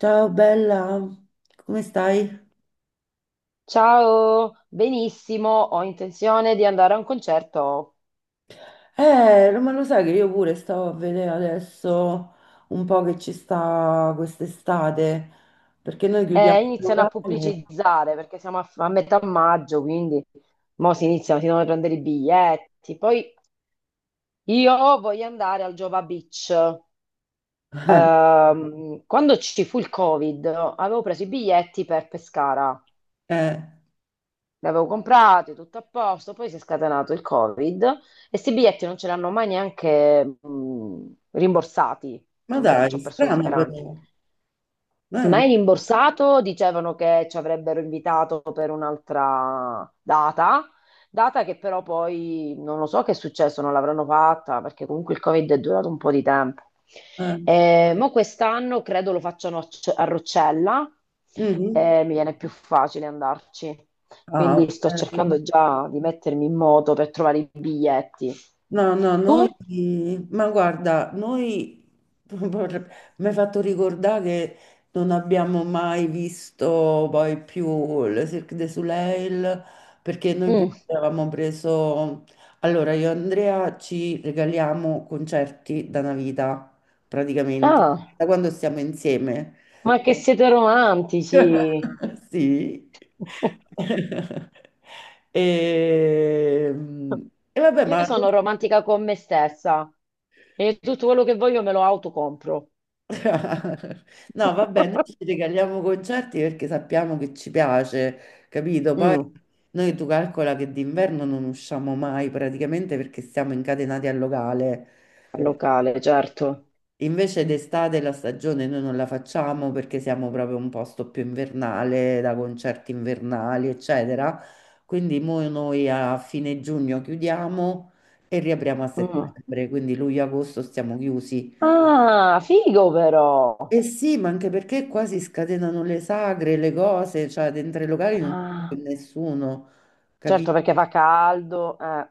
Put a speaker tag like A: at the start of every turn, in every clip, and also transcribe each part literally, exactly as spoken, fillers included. A: Ciao bella, come stai?
B: Ciao, benissimo, ho intenzione di andare a un concerto.
A: Eh, no, ma lo sai che io pure stavo a vedere adesso un po' che ci sta quest'estate, perché noi chiudiamo
B: Eh,
A: il
B: iniziano a
A: locale.
B: pubblicizzare perché siamo a, f- a metà maggio, quindi mo si iniziano, si devono prendere i biglietti. Poi io voglio andare al Jova Beach. Ehm, quando ci fu il Covid, avevo preso i biglietti per Pescara.
A: Eh,
B: Li avevo comprati, tutto a posto, poi si è scatenato il Covid e questi biglietti non ce li hanno mai neanche mh, rimborsati. Cioè,
A: ma
B: ormai ci
A: dai,
B: ho perso le
A: strano
B: speranze.
A: però. Eh,
B: Mai rimborsato, dicevano che ci avrebbero invitato per un'altra data, data che però poi non lo so che è successo, non l'avranno fatta perché comunque il Covid è durato un po' di tempo.
A: eh.
B: Eh, mo quest'anno credo lo facciano a C- a Roccella,
A: Mhm.
B: eh, mi viene più facile andarci.
A: Ah,
B: Quindi sto
A: ok.
B: cercando già di mettermi in moto per trovare i biglietti.
A: No, no, noi,
B: Tu?
A: ma guarda, noi, vorre- mi hai fatto ricordare che non abbiamo mai visto poi più le Cirque du Soleil, perché noi
B: Mm.
A: pure avevamo preso, allora io e Andrea ci regaliamo concerti da una vita, praticamente,
B: Ah,
A: da quando stiamo insieme.
B: ma che siete romantici!
A: Sì. E, e vabbè,
B: Io
A: ma
B: sono romantica con me stessa e tutto quello che voglio me lo autocompro.
A: No, vabbè, noi ci regaliamo concerti perché sappiamo che ci piace, capito? Poi
B: Mm,
A: noi tu calcola che d'inverno non usciamo mai praticamente perché siamo incatenati al locale.
B: al locale, certo.
A: Invece d'estate la stagione noi non la facciamo perché siamo proprio un posto più invernale, da concerti invernali, eccetera. Quindi mo noi a fine giugno chiudiamo e riapriamo a
B: Mm.
A: settembre, quindi luglio-agosto stiamo chiusi.
B: Ah, figo però.
A: Eh sì, ma anche perché qua si scatenano le sagre, le cose, cioè dentro i locali non c'è
B: Ah,
A: più nessuno,
B: certo
A: capito?
B: perché fa caldo, eh.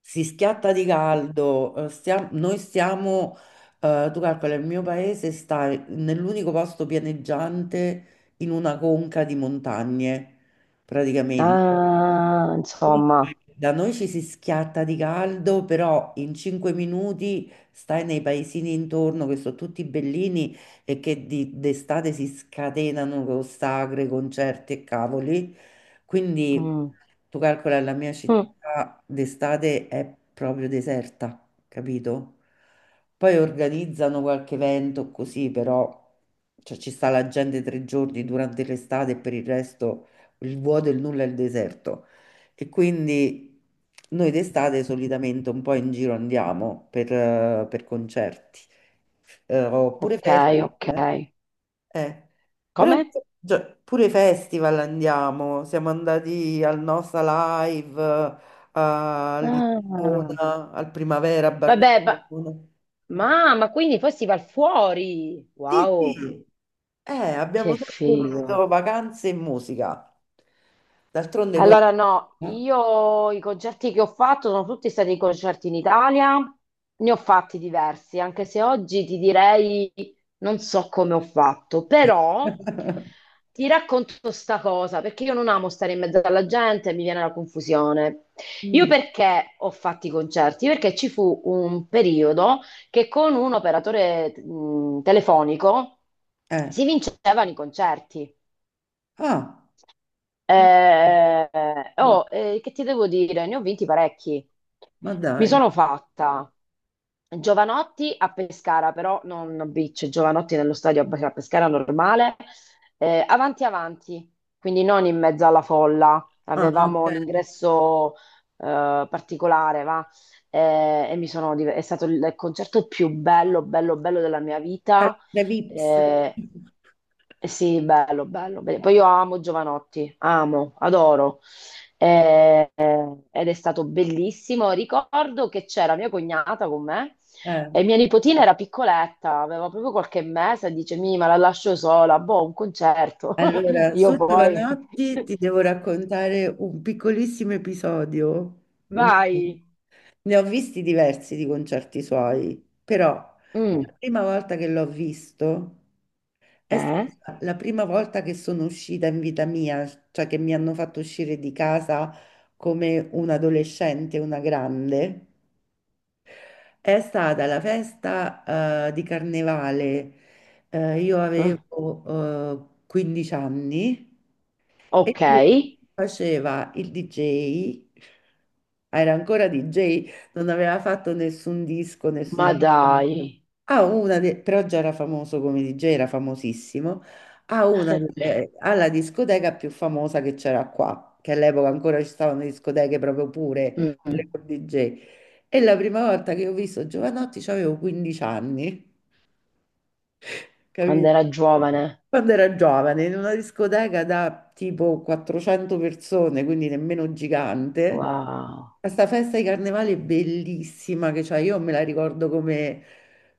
A: Si schiatta di caldo, eh, stia- noi stiamo, eh, tu calcola, il mio paese sta nell'unico posto pianeggiante in una conca di montagne, praticamente.
B: Ah,
A: Quindi
B: insomma.
A: da noi ci si schiatta di caldo, però in cinque minuti stai nei paesini intorno che sono tutti bellini e che di- d'estate si scatenano con sagre, concerti e cavoli. Quindi
B: Mm.
A: tu calcola la mia
B: Mm.
A: città d'estate è proprio deserta, capito? Poi organizzano qualche evento così, però cioè, ci sta la gente tre giorni durante l'estate e per il resto il vuoto, il nulla e il deserto. E quindi noi d'estate solitamente un po' in giro andiamo per, eh, per concerti, eh, oppure
B: Ok, ok.
A: festival. Eh. Eh, Però,
B: Come?
A: già- pure festival andiamo, siamo andati al Nosa Live, eh, a
B: Ah.
A: Lisbona, al Primavera a
B: Vabbè, ma...
A: Barcellona.
B: ma ma quindi poi si va fuori.
A: Sì,
B: Wow,
A: sì. Eh, abbiamo
B: che
A: sempre
B: figo.
A: combinato vacanze e musica. D'altronde quello.
B: Allora, no, io i concerti che ho fatto sono tutti stati concerti in Italia, ne ho fatti diversi, anche se oggi ti direi non so come ho fatto, però ti racconto sta cosa, perché io non amo stare in mezzo alla gente, mi viene la confusione. Io
A: Mm.
B: perché ho fatto i concerti? Perché ci fu un periodo che con un operatore mh, telefonico
A: Eh.
B: si vincevano i concerti.
A: Ah,
B: Eh, oh, eh, che ti devo dire? Ne ho vinti parecchi.
A: ma
B: Mi
A: dai.
B: sono fatta Giovanotti a Pescara, però non a Beach, Giovanotti nello stadio a a Pescara normale, eh, avanti avanti, quindi non in mezzo alla folla.
A: Ah, ok.
B: Avevamo l'ingresso eh, particolare, va? Eh, e mi sono div- è stato il concerto più bello, bello, bello della mia vita.
A: Palestra Vips.
B: Eh, eh sì, bello, bello, bello. Poi io amo Giovanotti, amo, adoro. Eh, eh, ed è stato bellissimo. Ricordo che c'era mia cognata con me
A: Eh,
B: e mia nipotina era piccoletta, aveva proprio qualche mese, e dice, mi, ma la lascio sola, boh, un concerto.
A: Allora, su
B: Io poi,
A: Giovanotti ti devo raccontare un piccolissimo episodio. Mio.
B: vai.
A: Ne ho visti diversi di concerti suoi, però la
B: Mm,
A: prima volta che l'ho visto è
B: eh?
A: stata la prima volta che sono uscita in vita mia, cioè che mi hanno fatto uscire di casa come un adolescente, una grande. È stata la festa, eh, di carnevale. Eh, io
B: Mm,
A: avevo, eh, quindici anni e
B: ok,
A: lui faceva il D J. Era ancora D J, non aveva fatto nessun disco,
B: ma
A: nessuna
B: dai.
A: ha una de- però già era famoso come D J, era famosissimo, ha una delle- ha la discoteca più famosa che c'era qua, che all'epoca ancora ci stavano le discoteche proprio pure, quelle
B: Mm,
A: con D J. E la prima volta che ho visto Giovanotti avevo quindici anni,
B: quando
A: capito?
B: era giovane,
A: Quando era giovane, in una discoteca da tipo quattrocento persone, quindi nemmeno gigante.
B: wow.
A: Questa festa di carnevale è bellissima che c'è, io me la ricordo come.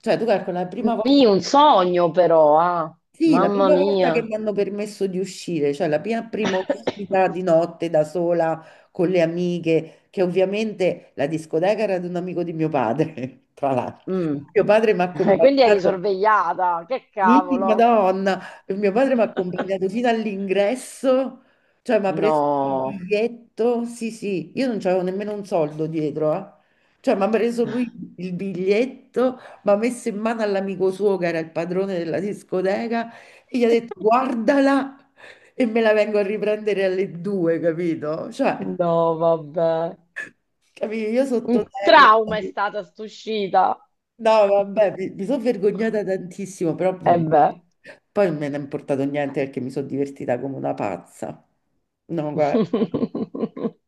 A: Cioè, tu calcoli la prima volta.
B: Mì, un sogno però, ah.
A: Sì, la
B: Mamma
A: prima volta che
B: mia.
A: mi hanno permesso di uscire, cioè la mia prima uscita di notte da sola con le amiche, che ovviamente la discoteca era di un amico di mio padre, tra l'altro.
B: Mm.
A: Mio padre mi ha
B: Quindi eri
A: accompagnato.
B: sorvegliata, che
A: Sì,
B: cavolo.
A: Madonna, mio padre mi ha accompagnato fino all'ingresso, cioè mi ha preso il
B: No,
A: biglietto, sì sì, io non c'avevo nemmeno un soldo dietro, eh. Cioè mi ha preso lui il biglietto, mi ha messo in mano all'amico suo che era il padrone della discoteca e gli ha detto guardala e me la vengo a riprendere alle due, capito? Cioè,
B: no, vabbè.
A: capito? Io
B: Un
A: sottoterra.
B: trauma è stata st'uscita.
A: No, vabbè, mi, mi sono vergognata tantissimo, però
B: E
A: mm,
B: beh.
A: poi non me ne è importato niente perché mi sono divertita come una pazza. No, guarda.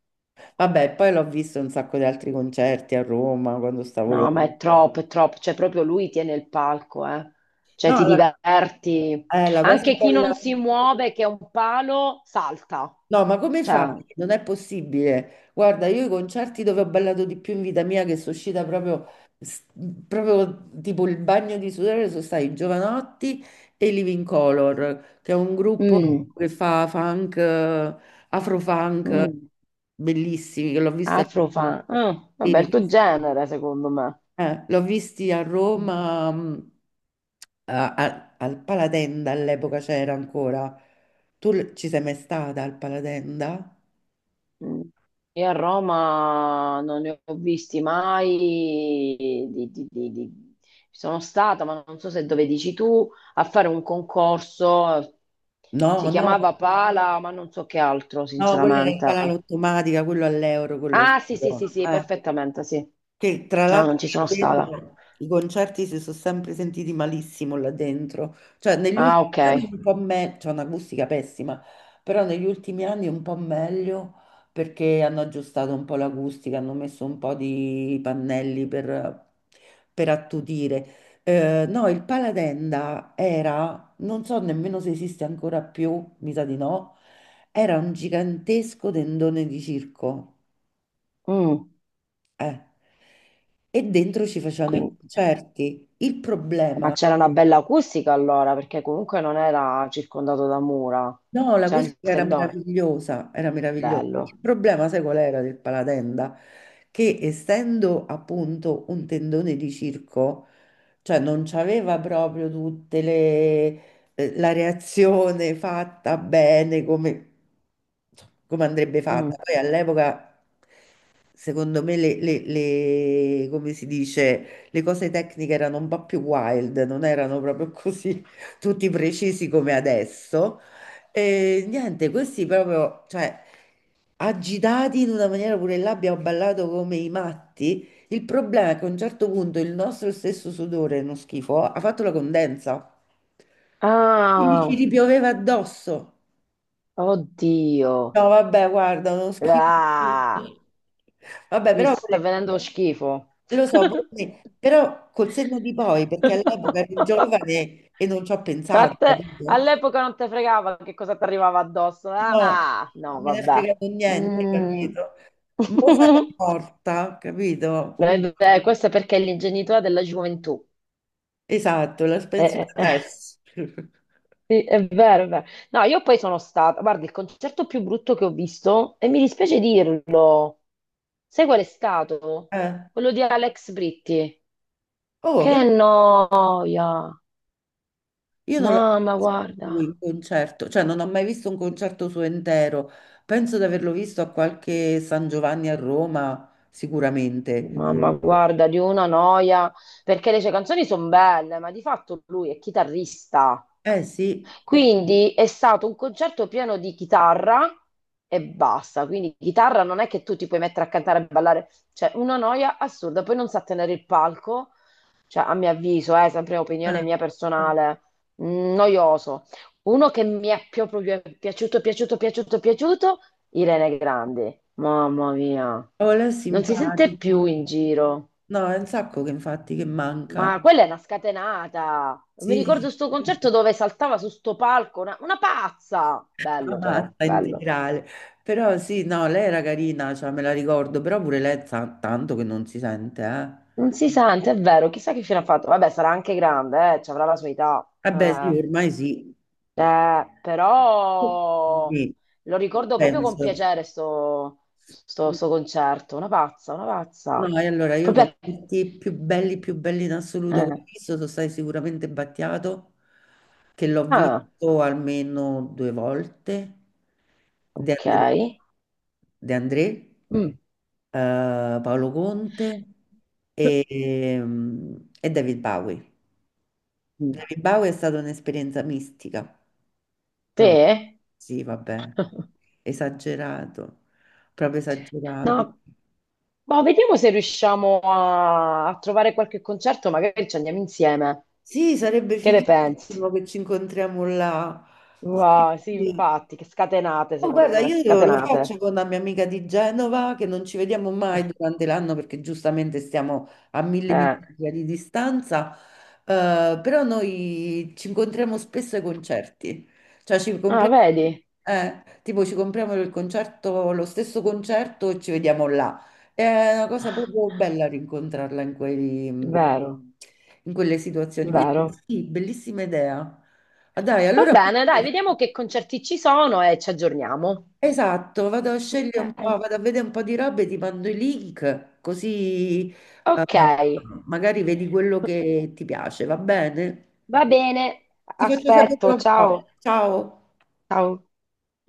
A: Vabbè, poi l'ho visto in un sacco di altri concerti a Roma quando stavo là.
B: No, ma è troppo, è troppo. Cioè, proprio lui tiene il palco, eh. Cioè,
A: No,
B: ti
A: la,
B: diverti.
A: eh, la cosa
B: Anche chi
A: bella.
B: non si muove, che è un palo, salta.
A: No, ma come fai?
B: Cioè,
A: Non è possibile. Guarda, io i concerti dove ho ballato di più in vita mia, che sono uscita proprio, s- proprio tipo il bagno di sudore, sono stati i Giovanotti e i Living Color, che è un gruppo
B: mm,
A: che fa funk, eh, afro-funk,
B: mm.
A: bellissimi, che l'ho vista,
B: Afrofunk. Mm,
A: sì,
B: vabbè,
A: l'ho
B: il tuo
A: visti
B: genere, secondo me.
A: eh, l'ho visti a Roma, mh, a- a- al Palatenda all'epoca c'era ancora. Tu l- ci sei mai stata al Palatenda?
B: Mm. Io a Roma non ne ho visti mai. di- di- di- di- Sono stata, ma non so se dove dici tu, a fare un concorso. Si
A: No, no,
B: chiamava Pala, ma non so che altro,
A: no, quella era in
B: sinceramente.
A: cala automatica, quello all'euro, quello
B: Ah, sì, sì,
A: figo.
B: sì, sì,
A: Eh.
B: perfettamente, sì.
A: Che tra
B: No,
A: l'altro
B: non ci sono
A: là
B: stata.
A: dentro i concerti si sono sempre sentiti malissimo là dentro, cioè negli
B: Ah,
A: ultimi
B: ok.
A: anni un po' meglio, c'è un'acustica pessima, però negli ultimi anni un po' meglio perché hanno aggiustato un po' l'acustica, hanno messo un po' di pannelli per, per attutire. Eh, no, il Paladenda era, non so nemmeno se esiste ancora più, mi sa di no, era un gigantesco tendone di circo
B: Mm,
A: eh. E dentro ci facevano i
B: quindi.
A: concerti. Il
B: Ma
A: problema,
B: c'era una bella acustica allora, perché comunque non era circondato da mura.
A: no,
B: C'era il
A: l'acustica era
B: tendone.
A: meravigliosa, era meravigliosa. Il
B: Bello.
A: problema, sai qual era del Palatenda? Che essendo appunto un tendone di circo, cioè non c'aveva proprio tutte le eh, la reazione fatta bene come, insomma, come andrebbe fatta.
B: Mm.
A: Poi all'epoca secondo me le, le- le- come si dice, le cose tecniche erano un po' più wild, non erano proprio così tutti precisi come adesso. E niente, questi proprio, cioè, agitati in una maniera pure là abbiamo ballato come i matti. Il problema è che a un certo punto il nostro stesso sudore, uno schifo, ha fatto la condensa. Quindi ci
B: Ah,
A: ripioveva addosso.
B: oddio.
A: No, vabbè, guarda, uno schifo.
B: Ah,
A: Vabbè,
B: mi
A: però
B: sta
A: quelle-
B: venendo lo schifo.
A: lo so, pure me, però col senno di poi, perché all'epoca ero giovane e non ci ho
B: A
A: pensato,
B: te-
A: capito?
B: all'epoca non te fregava che cosa ti arrivava addosso.
A: No, non
B: Ah, no,
A: me ne è
B: vabbè.
A: fregato niente,
B: Mm.
A: capito? Mo sarei morta, capito?
B: Eh, beh, questo è perché è l'ingenuità della gioventù.
A: Esatto, la
B: Eh,
A: pensione
B: eh, eh.
A: adesso.
B: Sì, è vero, è vero. No, io poi sono stata, guarda, il concerto più brutto che ho visto, e mi dispiace dirlo, sai qual è stato?
A: Eh,
B: Quello di Alex Britti.
A: Oh,
B: Che
A: vedi,
B: noia!
A: io non l'ho mai
B: Mamma,
A: visto
B: guarda,
A: lui in concerto, cioè non ho mai visto un concerto suo intero. Penso di averlo visto a qualche San Giovanni a Roma, sicuramente.
B: mamma, guarda, di una noia, perché le sue canzoni sono belle, ma di fatto lui è chitarrista.
A: Eh sì,
B: Quindi è stato un concerto pieno di chitarra e basta. Quindi chitarra non è che tu ti puoi mettere a cantare e ballare, cioè una noia assurda, poi non sa tenere il palco, cioè a mio avviso, eh, sempre
A: eh.
B: opinione mia personale, mh, noioso. Uno che mi è più- proprio piaciuto, piaciuto, piaciuto, piaciuto, Irene Grandi. Mamma mia,
A: Oh, lei è
B: non si sente più
A: simpatico.
B: in giro.
A: No, è un sacco che infatti che manca.
B: Ma quella è una scatenata. Mi
A: Sì,
B: ricordo sto concerto dove saltava su sto palco, una, una pazza.
A: la
B: Bello però,
A: matta
B: bello.
A: integrale. Però sì, no, lei era carina, cioè me la ricordo, però pure lei ta- tanto che non si sente, eh.
B: Non si sente, è vero, chissà che fine ha fatto. Vabbè, sarà anche grande, eh, ci avrà la sua età.
A: Eh beh, sì,
B: Eh,
A: ormai sì.
B: Eh, però
A: Sì,
B: lo ricordo proprio con
A: penso.
B: piacere sto, sto- sto concerto, una pazza, una
A: No,
B: pazza.
A: e allora io
B: Proprio
A: con
B: a-
A: tutti più belli, più belli in assoluto che ho
B: eh.
A: visto, sono stati sicuramente Battiato, che l'ho
B: Ah,
A: visto almeno due volte, De
B: ok.
A: André, De André
B: Mm.
A: eh, Paolo Conte e, ehm, e David Bowie.
B: Mm.
A: David Bowie è stata un'esperienza mistica, proprio.
B: Sì?
A: Sì, vabbè, esagerato, proprio esagerato.
B: No, ma vediamo se riusciamo a, a trovare qualche concerto, magari ci andiamo insieme.
A: Sì, sarebbe
B: Che ne pensi?
A: fighissimo che ci incontriamo là. Sì,
B: Wow, sì,
A: sì.
B: infatti, che scatenate,
A: Oh, guarda,
B: secondo me,
A: io lo faccio
B: scatenate.
A: con la mia amica di Genova, che non ci vediamo mai durante l'anno perché giustamente stiamo a mille
B: Eh.
A: miglia di distanza, eh, però noi ci incontriamo spesso ai concerti, cioè ci
B: Ah,
A: compriamo,
B: vedi?
A: eh, tipo ci compriamo il concerto, lo stesso concerto e ci vediamo là. È una cosa proprio bella rincontrarla in quei,
B: Vero,
A: in quelle situazioni. Quindi
B: vero.
A: sì, bellissima idea. Ah, dai,
B: Va
A: allora.
B: bene, dai, vediamo che concerti ci sono e ci aggiorniamo.
A: Esatto, vado a
B: Ok.
A: scegliere un po', vado a vedere un po' di robe, ti mando i link, così eh,
B: Ok,
A: magari vedi quello che ti piace, va bene?
B: va bene,
A: Ti faccio sapere
B: aspetto,
A: un po'.
B: ciao.
A: Ciao.
B: Ciao.